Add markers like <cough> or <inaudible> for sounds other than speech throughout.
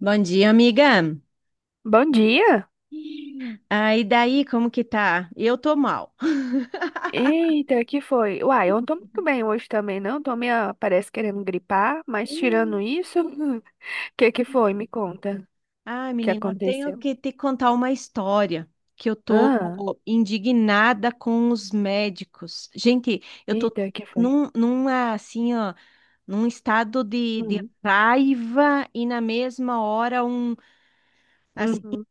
Bom dia, amiga. Bom dia! Ah, e daí, como que tá? Eu tô mal. Eita, que foi? Uai, eu não tô muito bem hoje também, não. Tô meio, parece, querendo gripar, mas tirando isso, <laughs> que foi? Me conta Ah, o que menina, eu tenho aconteceu. que te contar uma história que eu Ah, tô indignada com os médicos. Gente, eu tô eita, que foi? Assim, ó, num estado de Hum, raiva e na mesma hora assim, uhum,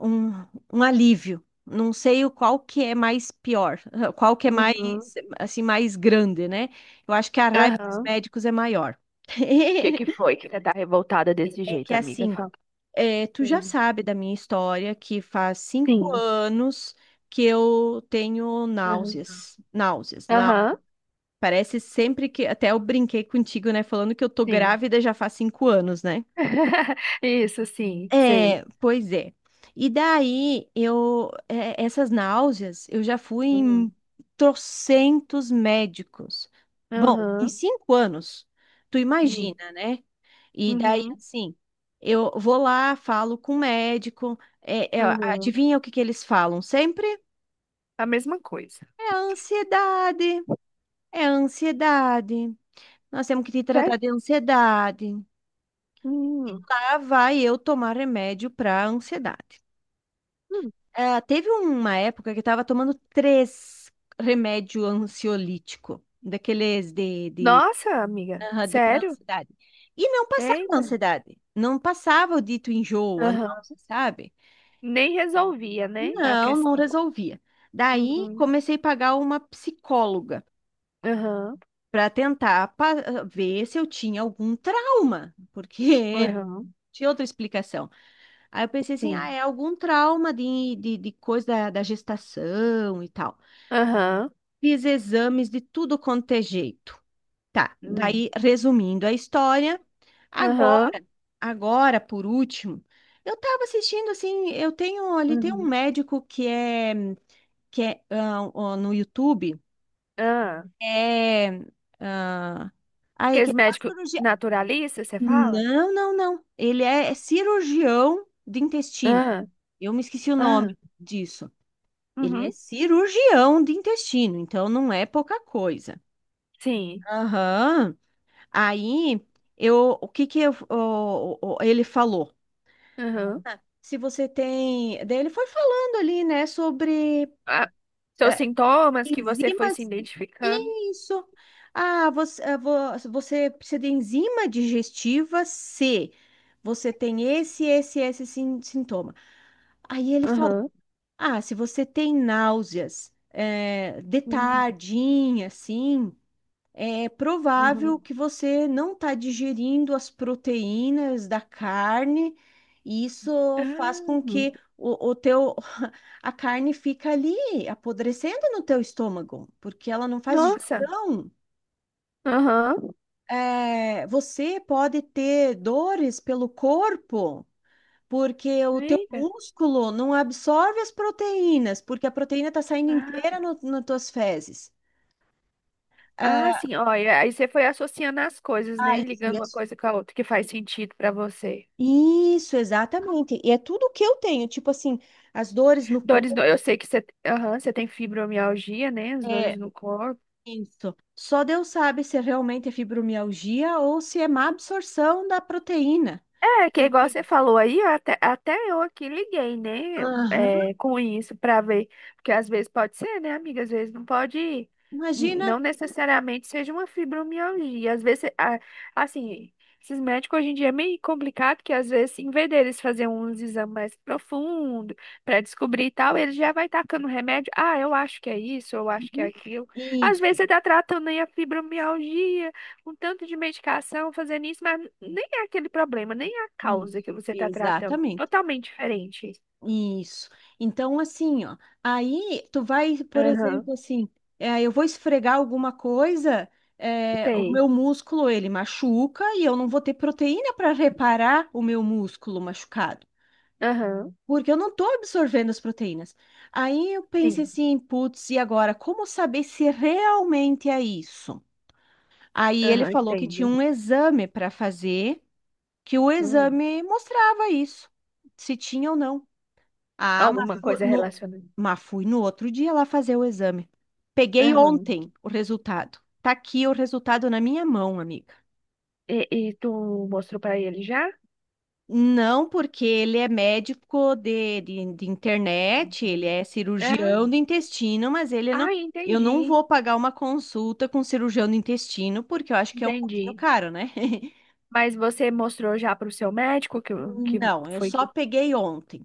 um, um alívio. Não sei o qual que é mais pior, <laughs> qual que é mais, uhum, assim, mais grande, né? Eu acho que a raiva dos aham. médicos é maior. Que <laughs> foi que você tá revoltada desse É que jeito, amiga? assim, Fala. Tu já Hum, sabe da minha história que faz cinco Sim. anos que eu tenho Aham, náuseas, náuseas, não. aham, Parece sempre que até eu brinquei contigo, né, falando que eu tô sim. grávida já faz 5 anos, né? <laughs> Isso, sim, É, sei. pois é. E daí essas náuseas eu já fui em Uhum, trocentos médicos. Bom, em aham, 5 anos, tu hum, imagina, né? E daí, uhum, assim, eu vou lá, falo com o médico, aham. adivinha o que que eles falam sempre? A mesma coisa. É a ansiedade, é a ansiedade. Nós temos que te tratar de ansiedade. Sério? Lá vai eu tomar remédio para ansiedade. Hum. Ah, teve uma época que eu estava tomando três remédios ansiolíticos, daqueles Nossa, amiga, aham, de para sério? ansiedade. E não passava a Eita. ansiedade, não passava o dito enjoo, a Aham. náusea, sabe? Nem resolvia, né, a Não, não questão. resolvia. Daí Uhum. comecei a pagar uma psicóloga Aham. para tentar ver se eu tinha algum trauma, porque Aham. <laughs> tinha outra explicação. Aí eu pensei assim, ah, Sim. é algum trauma de coisa da gestação e tal. Aham. Fiz exames de tudo quanto é jeito. Tá, Hum. daí resumindo a história, Aham. agora, agora por último, eu estava assistindo assim, eu tenho ali tem um Uhum. médico que é ah, ó, no YouTube, Ah. é ah, ai que Aqueles faz médicos cirurgia. naturalistas, você fala? Não, não, não. Ele é cirurgião de intestino. Ah. Eu me esqueci o Ah. nome disso. Ele é Uhum. cirurgião de intestino, então não é pouca coisa. Sim. Aham. Aí, o que que ele falou? Aham. Ah, Se você tem, daí ele foi falando ali, né, sobre Ah. Seus eh, sintomas que você foi se enzimas, identificando. isso. Ah, você precisa de enzima digestiva C. Você tem esse sintoma. Aí ele falou, Aham. ah, se você tem náuseas, de Uhum. tardinha, assim, é provável Uhum. que você não está digerindo as proteínas da carne, e isso faz com que Ah. <laughs> A carne fica ali apodrecendo no teu estômago, porque ela não faz Nossa. digestão. Aham. É, você pode ter dores pelo corpo, porque o teu Eita. músculo não absorve as proteínas, porque a proteína está saindo Ah. inteira no, nas tuas fezes. Ah, Ah. sim, olha, aí você foi associando as coisas, né? aí fui Ligando uma coisa com a outra que faz sentido pra você. Isso, exatamente. E é tudo que eu tenho, tipo assim, as dores no Dores, corpo, eu sei que você, aham, você tem fibromialgia, né? As é dores no corpo. isso. Só Deus sabe se realmente é fibromialgia ou se é má absorção da proteína. É, que igual Porque, você falou aí, até eu aqui liguei, né, aham, é, com isso pra ver, porque às vezes pode ser, né, amiga, às vezes não pode, imagina. não necessariamente seja uma fibromialgia, às vezes, assim, esses médicos hoje em dia é meio complicado, que às vezes, em vez deles fazer uns exames mais profundos pra descobrir e tal, eles já vai tacando remédio, ah, eu acho que é isso, eu acho que é Uhum. aquilo, às vezes Isso, você tá tratando aí a fibromialgia, com tanto de medicação fazendo isso, mas nem é aquele problema, nem é a isso, causa que você está tratando. exatamente. Totalmente diferente. Isso. Então, assim, ó, aí tu vai, por Aham, exemplo, assim, eu vou esfregar alguma coisa, o sei. meu músculo ele machuca e eu não vou ter proteína para reparar o meu músculo machucado, Aham, porque eu não estou absorvendo as proteínas. Aí eu pensei sim. assim, putz, e agora, como saber se realmente é isso? Aí ele Aham, falou que tinha entendo. um exame para fazer, que o Hum, exame mostrava isso, se tinha ou não. Ah, Alguma coisa relacionada. mas fui no outro dia lá fazer o exame. Peguei Aham. ontem o resultado. Tá aqui o resultado na minha mão, amiga. E tu mostrou para ele já? Não, porque ele é médico de internet, ele Uhum. é cirurgião É? do intestino, mas ele não. Ah, Eu não entendi. vou pagar uma consulta com cirurgião do intestino, porque eu acho que é um pouquinho Entendi. caro, né? <laughs> Mas você mostrou já para o seu médico que Não, eu foi só que. peguei ontem.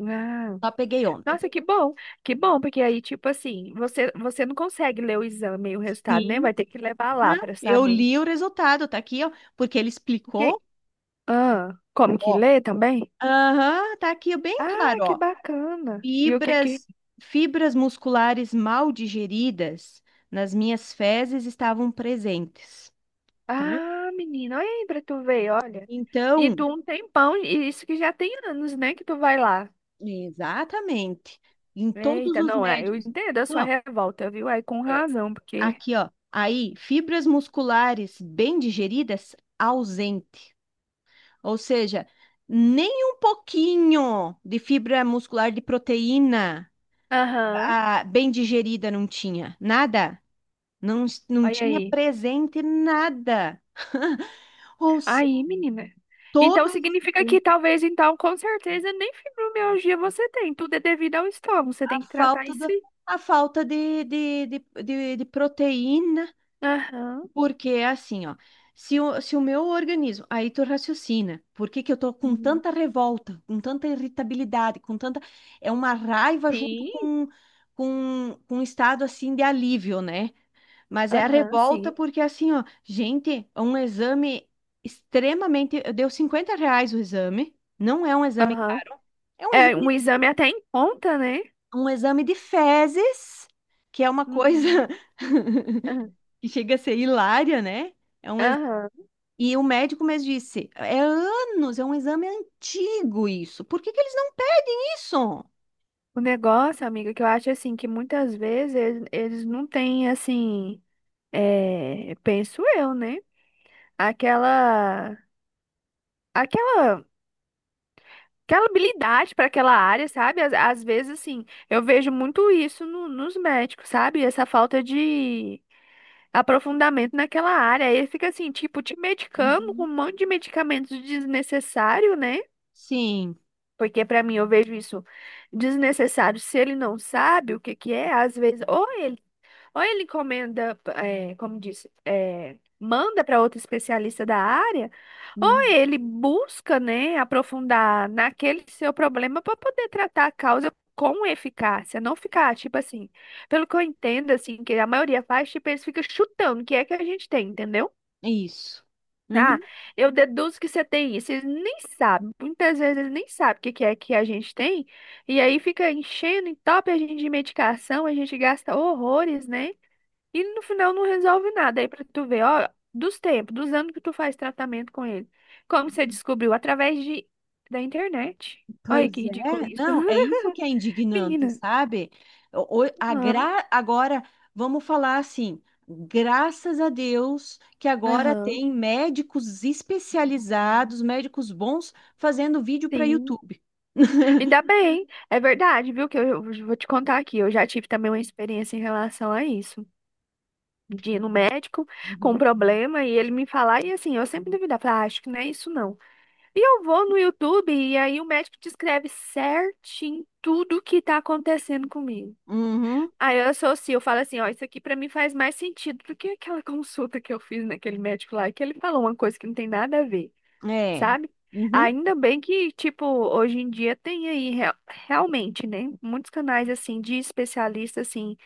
Ah. Só peguei ontem. Nossa, que bom, porque aí, tipo assim, você não consegue ler o exame e o resultado, né? Vai Sim, ter que levar lá né? para Eu saber. li o resultado, tá aqui, ó, porque ele E explicou. ah, como que Ó. lê também? Aham, tá aqui bem Ah, claro, que ó. bacana. E o que que. Fibras, fibras musculares mal digeridas nas minhas fezes estavam presentes, tá? Ah, menina, olha aí pra tu ver, olha. E Então, tu um tempão, e isso que já tem anos, né, que tu vai lá. exatamente, em todos Eita, os não, é, eu médicos. entendo a sua Não, revolta, viu? Aí com é, razão, porque. aqui, ó. Aí, fibras musculares bem digeridas, ausente. Ou seja, nem um pouquinho de fibra muscular de proteína, Aham, ah, bem digerida não tinha, nada. Não, não olha tinha aí. presente nada. <laughs> Ou seja, Aí, menina. todo Então esse significa que tempo, talvez, então, com certeza, nem fibromialgia você tem. Tudo é devido ao estômago. Você a tem que tratar falta isso do, aí. a falta de proteína. Aham. Porque é assim, ó. Se o meu organismo, aí tu raciocina, por que que eu tô com Uhum. tanta revolta, com tanta irritabilidade, com tanta, é uma raiva junto Sim. com um estado assim de alívio, né? Mas é a Aham, revolta sim. porque assim, ó, gente, é um exame extremamente, deu R$ 50 o exame, não é um exame Aham. caro, é um É um exame, exame até em conta, né? um exame de fezes, que é uma Uhum. coisa Aham. <laughs> que chega a ser hilária, né? É um Aham. e o médico me disse, é anos, é um exame antigo isso. Por que que eles não pegam isso? O negócio, amiga, que eu acho assim, que muitas vezes eles não têm assim, é, penso eu, né? Aquela. Aquela. Aquela habilidade para aquela área, sabe? Às vezes, assim, eu vejo muito isso nos médicos, sabe? Essa falta de aprofundamento naquela área. Aí fica assim, tipo, te medicando com um Uhum. monte de medicamentos desnecessário, né? Sim. Porque para mim eu vejo isso desnecessário se ele não sabe o que que é, às vezes, ou ele encomenda, é, como disse, é, manda para outro especialista da área, ou Uhum. ele busca, né, aprofundar naquele seu problema para poder tratar a causa com eficácia, não ficar, tipo assim, pelo que eu entendo, assim, que a maioria faz, tipo, eles ficam chutando o que é que a gente tem, entendeu? É isso. Ah, Uhum. eu deduzo que você tem isso. Eles nem sabem, muitas vezes eles nem sabem o que que é que a gente tem, e aí fica enchendo, entope a gente de medicação, a gente gasta horrores, né? E no final não resolve nada. Aí pra tu ver, ó, dos tempos, dos anos que tu faz tratamento com ele. Como você descobriu? Através de, da internet. Olha que Pois ridículo é, isso. não, é isso que <laughs> é indignante, Menina. sabe? Aham, Agora, vamos falar assim, graças a Deus que agora aham. tem médicos especializados, médicos bons, fazendo vídeo para Sim. YouTube. Ainda bem. É verdade, viu? Que eu vou te contar aqui. Eu já tive também uma experiência em relação a isso. De ir no médico com um Uhum. problema e ele me falar, e assim, eu sempre duvidava, falar, ah, acho que não é isso não. E eu vou no YouTube e aí o médico descreve certinho tudo o que tá acontecendo comigo. Uhum, Aí eu associo, eu falo assim, ó, isso aqui pra mim faz mais sentido do que aquela <laughs> consulta que eu fiz naquele médico lá, que ele falou uma coisa que não tem nada a ver, é. sabe? Uhum. Ainda bem que, tipo, hoje em dia tem aí realmente, né, muitos canais assim de especialista assim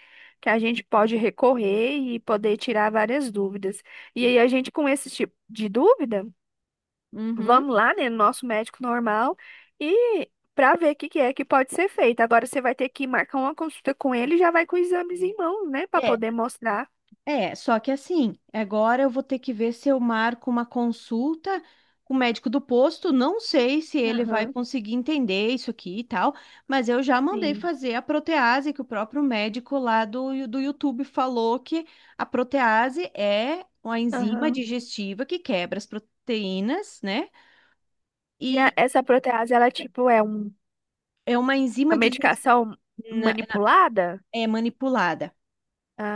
que a gente pode recorrer e poder tirar várias dúvidas. E aí a gente com esse tipo de dúvida Uhum. vamos lá, né, no nosso médico normal e para ver o que que é que pode ser feito. Agora você vai ter que marcar uma consulta com ele e já vai com os exames em mãos, né, para É. poder Uhum. mostrar. É, só que assim, agora eu vou ter que ver se eu marco uma consulta com o médico do posto. Não sei se ele vai Aham, conseguir entender isso aqui e tal, mas eu já mandei sim. fazer a protease, que o próprio médico lá do YouTube falou que a protease é uma enzima Aham. digestiva que quebra as proteínas, né? E E essa protease, ela tipo é uma uma enzima digestiva. medicação manipulada? É manipulada.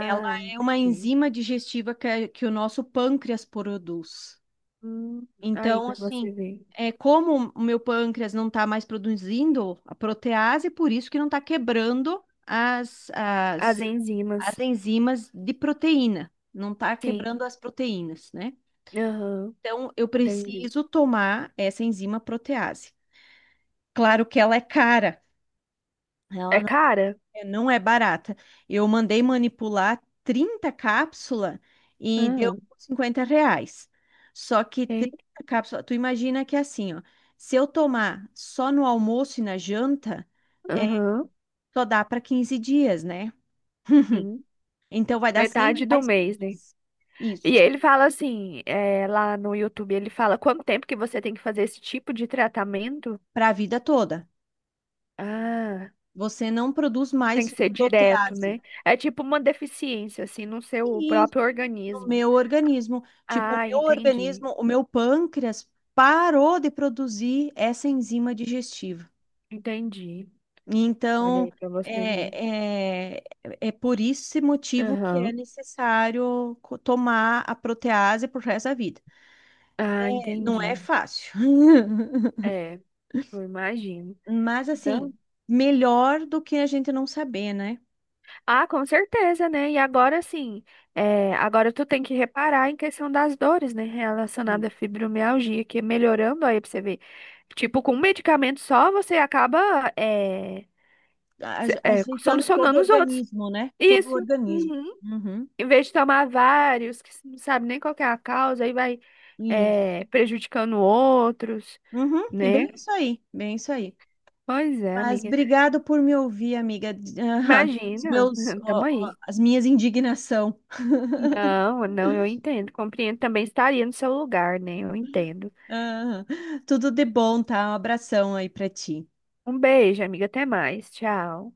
Ela é uma entendi. enzima digestiva que o nosso pâncreas produz. Hum, aí Então, para assim, você ver. é como o meu pâncreas não está mais produzindo a protease, por isso que não está quebrando as, As as, enzimas. as enzimas de proteína, não está Sim. quebrando as proteínas, né? Aham, Então, eu entendi. preciso tomar essa enzima protease. Claro que ela é cara, É ela cara? É, não é barata. Eu mandei manipular 30 cápsulas e deu Aham. R$ 50. Só que 30 Eita. cápsulas, tu imagina que é assim, ó. Se eu tomar só no almoço e na janta, é, Aham. só dá para 15 dias, né? Sim. Então vai dar 100 Metade do reais por mês, né? mês. E Isso, ele fala assim, é, lá no YouTube, ele fala quanto tempo que você tem que fazer esse tipo de tratamento? para a vida toda. Ah, Você não produz tem que mais ser direto, protease. né? É tipo uma deficiência, assim, no seu próprio No organismo. meu organismo. Tipo, Ah, entendi, o meu pâncreas parou de produzir essa enzima digestiva. entendi. Olha Então, aí pra você ver. é, é, é por esse motivo que é Aham. necessário tomar a protease pro resto da vida. Ah, É, não é entendi. fácil, <laughs> É, eu imagino. mas assim, melhor do que a gente não saber, né? Ah, com certeza, né? E agora sim, é, agora tu tem que reparar em questão das dores, né? E Relacionada à fibromialgia, que é melhorando aí pra você ver. Tipo, com um medicamento só, você acaba é, aje- é, Ajeitando todo o solucionando os outros. organismo, né? Todo o Isso. organismo. Uhum. Uhum. Em vez de tomar vários, que você não sabe nem qual que é a causa, aí vai Isso. é, prejudicando outros, Uhum. É né? bem isso aí, bem isso aí. Pois é, Mas amiga. obrigado por me ouvir, amiga. Ah, Imagina, <laughs> ó, tamo ó, aí. as minhas indignação. Não, não, eu entendo. Compreendo. Também estaria no seu lugar, né? Eu entendo. Ah, tudo de bom, tá? Um abração aí pra ti. Um beijo, amiga. Até mais. Tchau.